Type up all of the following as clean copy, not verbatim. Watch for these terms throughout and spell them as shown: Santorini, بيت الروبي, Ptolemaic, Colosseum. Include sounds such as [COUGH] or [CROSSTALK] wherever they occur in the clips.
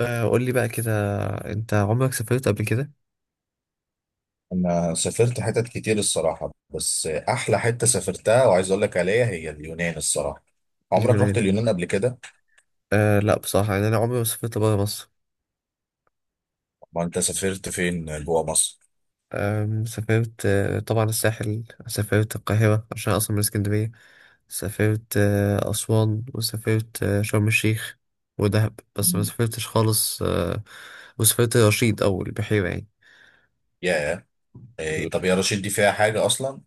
قول لي بقى كده. انت عمرك سافرت قبل كده؟ انا سافرت حتت كتير الصراحه، بس احلى حته سافرتها وعايز اقول لك عليها هي اليونان الصراحه. عمرك رحت اليونان. اليونان قبل كده؟ آه، لا بصراحة، يعني أنا عمري ما سافرت برا مصر. ما انت سافرت فين جوه مصر؟ سافرت طبعا الساحل، سافرت القاهرة عشان أصلا من اسكندرية. سافرت أسوان، وسافرت شرم الشيخ ودهب، بس ما مم. سافرتش خالص. وسافرت رشيد أو البحيرة، يعني يا إيه؟ طب يا رشيد دي فيها حاجه اصلا؟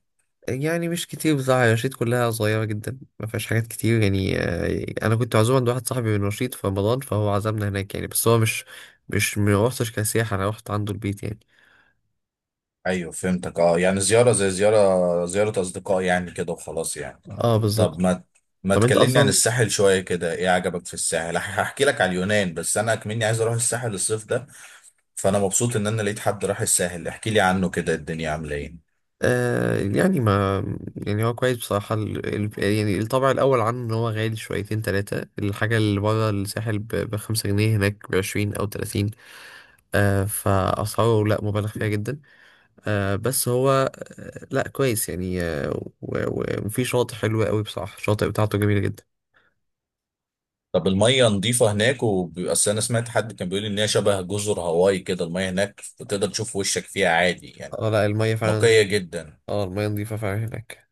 مش كتير بصراحة، يعني الرشيد كلها صغيرة جدا، ما فيهاش حاجات كتير، يعني أنا كنت معزوم عند واحد صاحبي من رشيد في رمضان، فهو عزمنا هناك يعني، بس هو مش ما روحتش كسياحة، أنا روحت عنده البيت يعني. ايوه فهمتك. اه، يعني زياره، زي زياره اصدقاء يعني كده وخلاص يعني. اه بالظبط. طب ما طب أنت تكلمني عن أصلا الساحل شويه كده؟ ايه عجبك في الساحل؟ هحكي لك على اليونان، بس انا كمني عايز اروح الساحل الصيف ده، فانا مبسوط ان انا لقيت حد راح الساحل احكي لي عنه كده الدنيا عامله ايه. آه يعني ما يعني هو كويس بصراحة، يعني الطبع الأول عنه إن هو غالي شويتين تلاتة، الحاجة اللي بره الساحل ب5 جنيه، هناك ب20 أو 30. فأسعاره لأ، مبالغ فيها جدا. بس هو لا كويس يعني وفي شاطئ حلو قوي بصراحة، الشاطئ بتاعته جميلة جدا. طب المية نظيفة هناك؟ وبيبقى، أصل أنا سمعت حد كان بيقول إن هي شبه جزر هاواي كده، المية هناك وتقدر تشوف وشك فيها عادي يعني. اه لا، المية فعلا نظيفة. نقية جدا. اه، المية نظيفة فعلا هناك،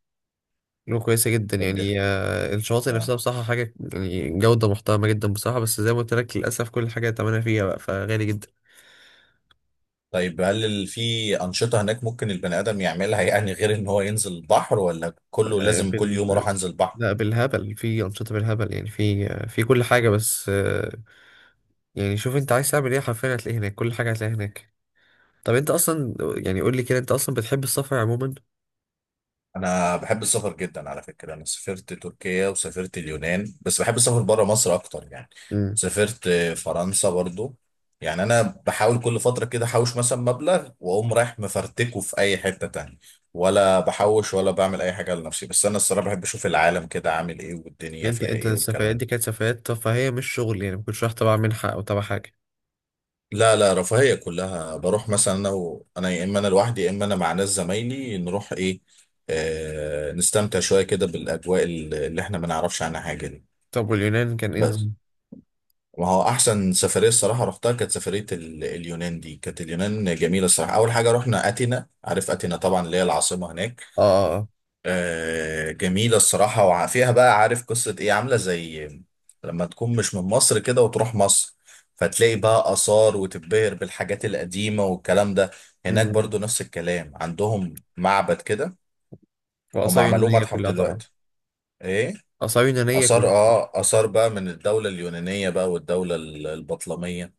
له كويسة جدا طب ده يعني. الشواطئ نفسها آه. بصراحة حاجة، يعني جودة محترمة جدا بصراحة، بس زي ما قلت لك للأسف كل حاجة تمنها فيها بقى فغالي جدا. طيب، هل في أنشطة هناك ممكن البني آدم يعملها، يعني غير إن هو ينزل البحر، ولا كله آه لازم كل بال يوم أروح أنزل البحر؟ لا، بالهبل في أنشطة بالهبل يعني، في كل حاجة، بس يعني شوف أنت عايز تعمل إيه، حرفيا هتلاقيه هناك، كل حاجة هتلاقيها هناك. طب أنت أصلا يعني قول لي كده، أنت أصلا بتحب السفر عموما؟ انا بحب السفر جدا على فكره. انا سافرت تركيا وسافرت اليونان، بس بحب السفر بره مصر اكتر يعني. سافرت فرنسا برضو. يعني انا بحاول كل فتره كده احوش مثلا مبلغ واقوم رايح مفرتكه في اي حته تانية، ولا بحوش ولا بعمل اي حاجه لنفسي، بس انا الصراحه بحب اشوف العالم كده عامل ايه والدنيا فيها انت ايه السفريات والكلام دي ده. كانت سفريات ترفيهية مش شغل، يعني ما كنتش رايح تبع منحة او تبع حاجة. لا لا، رفاهيه كلها. بروح مثلا انا، يا اما انا لوحدي يا اما انا مع ناس زمايلي، نروح نستمتع شويه كده بالاجواء اللي احنا ما نعرفش عنها حاجه دي. طب واليونان كان ايه بس نظام؟ ما هو احسن سفريه الصراحه رحتها كانت سفريه اليونان. دي كانت اليونان جميله الصراحه. اول حاجه رحنا اثينا، عارف اثينا طبعا اللي هي العاصمه هناك. اه اه. آه، جميله الصراحه، وفيها بقى، عارف قصه ايه؟ عامله زي لما تكون مش من مصر كده وتروح مصر، فتلاقي بقى اثار وتتبهر بالحاجات القديمه والكلام ده. هناك امم. برضو نفس الكلام، عندهم معبد كده، هم وآثار عملوه يونانية متحف كلها طبعا. دلوقتي. ايه، آثار يونانية كلها. آثار، آثار بقى من الدولة اليونانية بقى، والدولة البطلمية.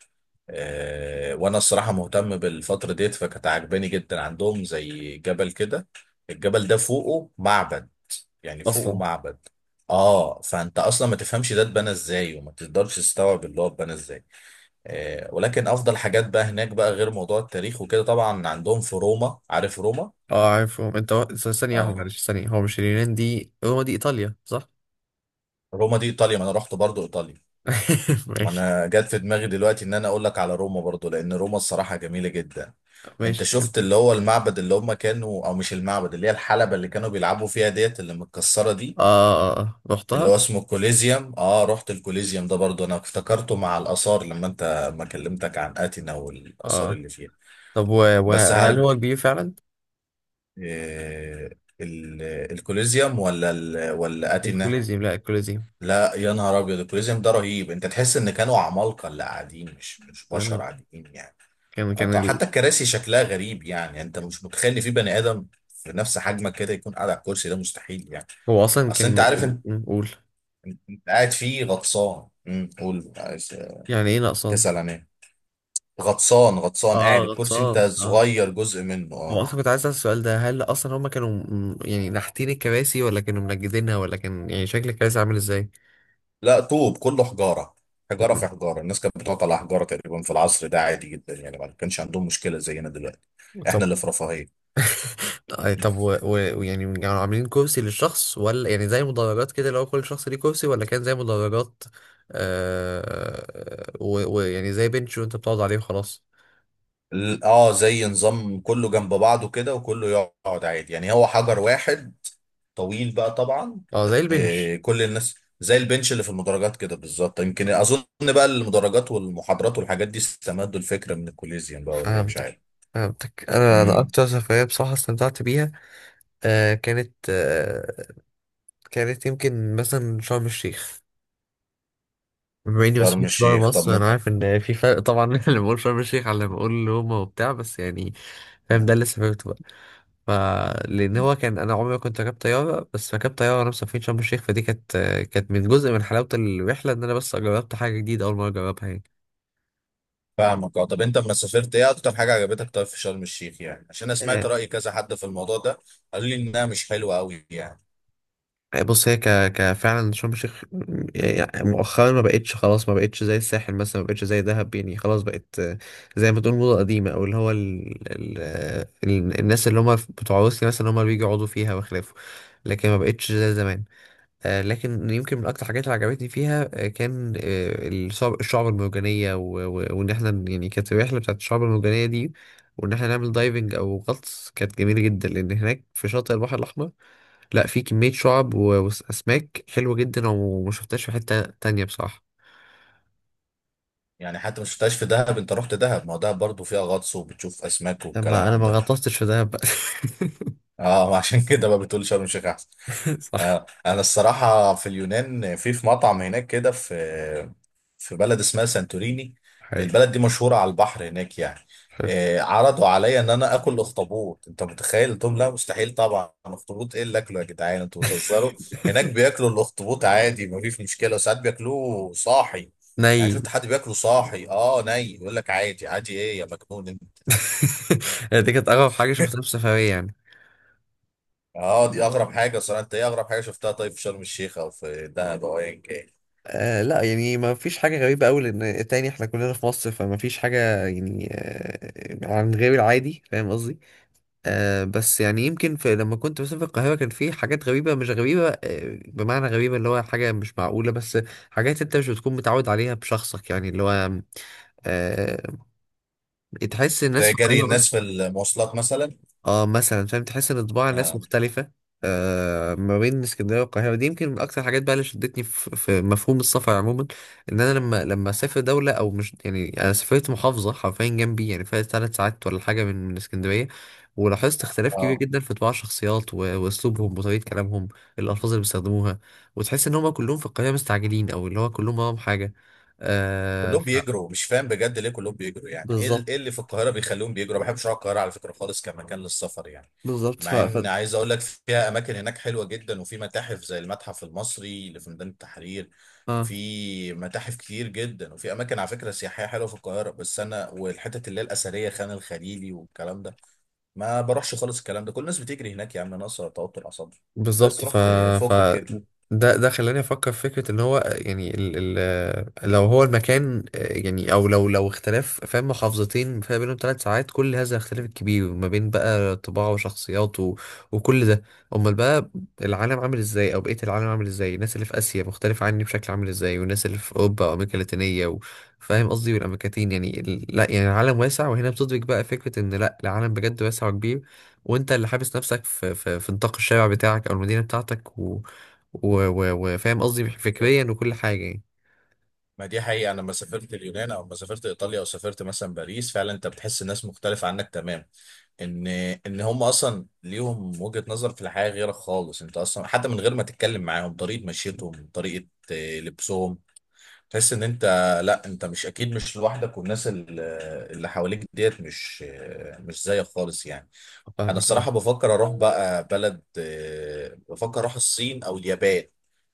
آه، وأنا الصراحة مهتم بالفترة ديت، فكانت عاجباني جدا. عندهم زي جبل كده، الجبل ده فوقه معبد، يعني فوقه اصلا معبد. آه، فأنت أصلا ما تفهمش ده اتبنى إزاي، وما تقدرش تستوعب اللي هو اتبنى إزاي. آه، ولكن أفضل حاجات بقى هناك بقى، غير موضوع التاريخ وكده طبعا، عندهم في روما. عارف روما؟ اه عارفهم انت ثانية واحدة آه، معلش، ثانية، هو مش اليونان دي، روما دي ايطاليا صح؟ روما دي إيطاليا، ما أنا رحت برضو إيطاليا. [LAUGHS] ما ماشي. انا جات في دماغي دلوقتي ان انا اقول لك على روما برضو، لان روما الصراحه جميله جدا. انت ماشي كده. شفت اللي هو المعبد اللي هم كانوا، او مش المعبد، اللي هي الحلبه اللي كانوا بيلعبوا فيها ديت اللي متكسره دي، اه اه. اه اللي رحتها؟ هو اسمه الكوليزيوم؟ اه، رحت الكوليزيوم ده برضو. انا افتكرته مع الاثار لما انت ما كلمتك عن اتينا والاثار اه. اللي فيها. طب و... بس وهل هرج. هو كبير فعلا؟ آه، ال- الكوليزيوم ولا اتينا؟ الكوليزيوم، لا الكوليزيوم. لا يا نهار ابيض، الكوليزيوم ده رهيب، انت تحس ان كانوا عمالقه اللي قاعدين، مش يعني بشر عاديين يعني. كان اه كان طبعا، ال... حتى الكراسي شكلها غريب. يعني انت مش متخيل ان في بني ادم في نفس حجمك كده يكون قاعد على الكرسي ده، مستحيل يعني. هو اصلا اصل كان انت عارف، انت قول. قاعد فيه غطسان. قول، عايز يعني ايه نقصان؟ تسال عن ايه؟ غطسان، غطسان اه قاعد الكرسي غطسان انت اه. صغير جزء منه، هو اه. اصلا كنت عايز اسال السؤال ده، هل اصلا هما كانوا يعني نحتين الكراسي ولا كانوا منجدينها، ولا كان يعني شكل الكراسي عامل ازاي. لا، طوب كله، حجاره. حجاره م- في حجاره، الناس كانت بتقعد على حجاره تقريبا في العصر ده عادي جدا، يعني ما كانش عندهم مشكله زينا دلوقتي. طب. احنا اللي في رفاهيه. [LAUGHS] آه، طب ويعني كانوا عاملين كرسي للشخص، ولا يعني زي مدرجات كده، لو كل شخص ليه كرسي ولا كان زي مدرجات. آه ويعني زي بنش وانت بتقعد عليه وخلاص. اه زي نظام كله جنب بعضه كده، وكله يقعد عادي، يعني هو حجر واحد طويل بقى طبعا. اه زي آه، البنش. كل الناس زي البنش اللي في المدرجات كده بالظبط. يمكن اظن بقى المدرجات والمحاضرات والحاجات دي استمدوا الفكره من الكوليزيوم بقى، ولا إيه، مش فهمتك. عارف. فهمتك، انا امم، اكتر سفريه بصراحه استمتعت بيها. آه كانت آه كانت يمكن مثلا شرم الشيخ، بما اني ما شرم سافرتش بره الشيخ، طب مصر، ما انا عارف ان في فرق طبعا [LAUGHS] بين اللي بقول شرم الشيخ على اللي بقول روما وبتاع، بس يعني فاهم، ده اللي آه، سافرته بقى. ف لان هو كان، انا عمري ما كنت راكب طياره، بس ركبت طياره وانا مسافرين شرم الشيخ، فدي كانت، كانت من جزء من حلاوه الرحله ان انا بس جربت حاجه جديده اول مره اجربها فاهمك. اه، طب انت لما سافرت ايه اكتر حاجه عجبتك طيب في شرم الشيخ؟ يعني عشان انا سمعت يعني. راي كذا حد في الموضوع ده، قالوا لي انها مش حلوه قوي يعني. آه، بص هي ك... ك فعلا شرم الشيخ يعني مؤخرا ما بقتش خلاص، ما بقتش زي الساحل مثلا، ما بقتش زي دهب، يعني خلاص بقت زي ما تقول موضة قديمة، او اللي هو الناس اللي هم بتوع روسيا مثلا، هم اللي بيجوا يقعدوا فيها وخلافه، لكن ما بقتش زي زمان. آه، لكن يمكن من اكتر الحاجات اللي عجبتني فيها كان الشعب المرجانية وان احنا يعني كانت الرحلة بتاعت الشعب المرجانية دي، وان احنا نعمل دايفنج او غطس، كانت جميلة جدا، لان هناك في شاطئ البحر الاحمر، لا في كمية شعب وأسماك حلوة جدا، وما شفتهاش في حتة تانية بصراحة. يعني حتى ما شفتهاش في دهب؟ انت رحت دهب، ما هو دهب برضه فيها غطس وبتشوف اسماك لما والكلام أنا ما ده. غطستش في دهب بقى. اه [LAUGHS] عشان كده بقى بتقول شرم الشيخ احسن. [LAUGHS] صح. آه، انا الصراحه في اليونان، في في مطعم هناك كده، في في بلد اسمها سانتوريني. حلو. البلد دي مشهوره على البحر هناك يعني. حلو. آه، عرضوا عليا ان انا اكل اخطبوط. انت متخيل؟ قلت لهم لا مستحيل طبعا، اخطبوط ايه اللي اكله يا جدعان، انتوا بتهزروا. هناك بياكلوا الاخطبوط عادي، ما فيش مشكله، وساعات بياكلوه صاحي. يعني ني. شفت حد بياكله صاحي؟ اه ني، يقول لك عادي. عادي ايه يا مجنون انت؟ [LAUGHS] دي كانت أغرب حاجة شفتها في سفرية يعني. اه، دي اغرب حاجه صراحه. انت ايه اغرب حاجه شفتها طيب في شرم الشيخ او في دهب او ايا كان؟ آه لا، يعني ما فيش حاجة غريبة أوي، لأن تاني احنا كلنا في مصر، فما فيش حاجة يعني عن غير العادي، فاهم قصدي. آه بس يعني يمكن في، لما كنت مثلا في القاهرة كان في حاجات غريبة مش غريبة، بمعنى غريبة اللي هو حاجة مش معقولة، بس حاجات انت مش بتكون متعود عليها بشخصك، يعني اللي هو آه تحس الناس زي في جري القاهرة. الناس في المواصلات مثلا. اه مثلا، فاهم، تحس ان طباع الناس اه، مختلفة. آه ما بين اسكندرية والقاهرة، دي يمكن من اكتر الحاجات بقى اللي شدتني في مفهوم السفر عموما، ان انا لما اسافر دولة، او مش يعني انا سافرت محافظة حرفيا جنبي، يعني فيها 3 ساعات ولا حاجة من اسكندرية، ولاحظت اختلاف كبير آه. جدا في طباع الشخصيات واسلوبهم وطريقة كلامهم، الالفاظ اللي بيستخدموها، وتحس ان هم كلهم في القاهرة مستعجلين، او اللي هو كلهم وراهم حاجة. آه كلهم ف... بيجروا، مش فاهم بجد ليه كلهم بيجروا. يعني ايه إيه بالظبط. اللي في القاهره بيخليهم بيجروا؟ ما بحبش اروح القاهره على فكره خالص كمكان للسفر يعني. بالظبط ف.... مع ان عايز اقول لك فيها اماكن هناك حلوه جدا، وفي متاحف زي المتحف المصري اللي في ميدان التحرير، ف... في متاحف كتير جدا، وفي اماكن على فكره سياحيه حلوه في القاهره. بس انا والحتت اللي هي الاثريه، خان الخليلي والكلام ده، ما بروحش خالص. الكلام ده كل الناس بتجري هناك، يا عم ناقصه توتر اعصاب. بس بالظبط ف.... رحت ف فوق كده. ده خلاني افكر في فكره ان هو يعني، لو هو المكان يعني، او لو اختلاف، فاهم، محافظتين فيها بينهم 3 ساعات، كل هذا الاختلاف الكبير ما بين بقى طباع وشخصيات وكل ده، امال بقى العالم عامل ازاي، او بقيه العالم عامل ازاي، الناس اللي في اسيا مختلفه عني بشكل عامل ازاي، والناس اللي في اوروبا وامريكا اللاتينيه فاهم قصدي، والامريكتين يعني لا يعني العالم واسع، وهنا بتدرك بقى فكره ان لا، العالم بجد واسع وكبير، وانت اللي حابس نفسك في في نطاق الشارع بتاعك او المدينه بتاعتك وفاهم قصدي، فكريا وكل حاجه يعني. ما دي حقيقة، أنا لما سافرت اليونان أو لما سافرت إيطاليا أو سافرت مثلا باريس، فعلا أنت بتحس الناس مختلفة عنك تمام. إن إن هم أصلا ليهم وجهة نظر في الحياة غيرك خالص. أنت أصلا حتى من غير ما تتكلم معاهم، طريقة مشيتهم، طريقة لبسهم، تحس إن أنت، لا أنت مش، أكيد مش لوحدك، والناس اللي حواليك ديت مش مش زيك خالص يعني. أنا فاهمك الصراحة اه. بفكر أروح بقى بلد، آه، بفكر أروح الصين أو اليابان،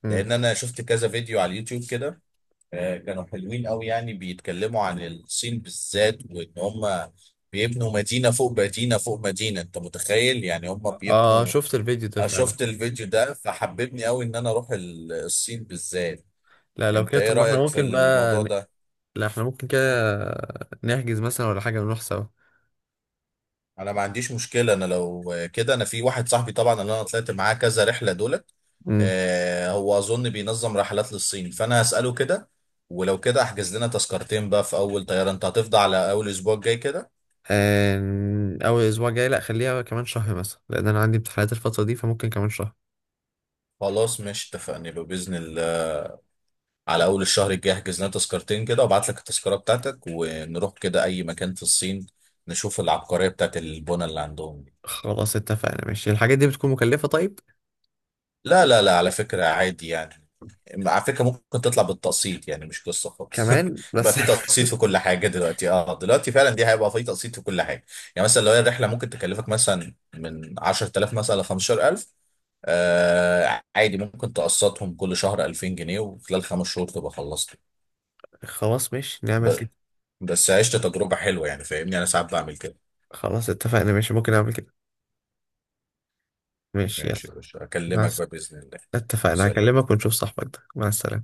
مم. لأن أنا شفت كذا فيديو على اليوتيوب كده. آه، كانوا حلوين قوي يعني بيتكلموا عن الصين بالذات، وان هم بيبنوا مدينة فوق مدينة فوق مدينة. انت متخيل؟ يعني هم اه بيبنوا. شفت الفيديو ده أنا فعلا. شفت الفيديو ده، فحببني قوي ان انا اروح الصين بالذات. لا لو انت كده ايه طب، ما احنا رأيك في ممكن بقى الموضوع ده؟ لا احنا ممكن كده نحجز مثلا ولا حاجه ونروح سوا. انا ما عنديش مشكلة. انا لو كده، انا في واحد صاحبي طبعا اللي انا طلعت معاه كذا رحلة دولت. امم. آه، هو اظن بينظم رحلات للصين، فانا هسأله كده، ولو كده احجز لنا تذكرتين بقى في اول طيارة. انت هتفضى على اول اسبوع الجاي كده؟ اول اسبوع جاي لا، خليها كمان شهر مثلا، لان انا عندي امتحانات الفتره دي، فممكن كمان شهر. خلاص ماشي اتفقنا. لو باذن الله على اول الشهر الجاي احجز لنا تذكرتين كده، وابعت لك التذكره بتاعتك، ونروح كده اي مكان في الصين، نشوف العبقريه بتاعت البنى اللي عندهم دي. خلاص اتفقنا ماشي، الحاجات دي بتكون مكلفه طيب؟ لا لا لا، على فكره عادي يعني. على فكره ممكن تطلع بالتقسيط، يعني مش قصه خالص. كمان [LAUGHS] بقى بس في تقسيط [LAUGHS] في كل حاجه دلوقتي. اه دلوقتي فعلا، دي هيبقى في تقسيط في كل حاجه. يعني مثلا لو هي الرحله ممكن تكلفك مثلا من 10,000 مثلا ل 15,000، آه عادي ممكن تقسطهم كل شهر 2,000 جنيه، وخلال 5 شهور تبقى خلصت. خلاص ماشي، نعمل ب- كده. بس عشت تجربة حلوة يعني، فاهمني أنا ساعات بعمل كده. خلاص اتفقنا ماشي، ممكن اعمل كده. ماشي يلا. ماشي يا باشا، مع أكلمك الس... بقى بإذن الله. اتفقنا سلام. هكلمك ونشوف صاحبك ده، مع السلامة.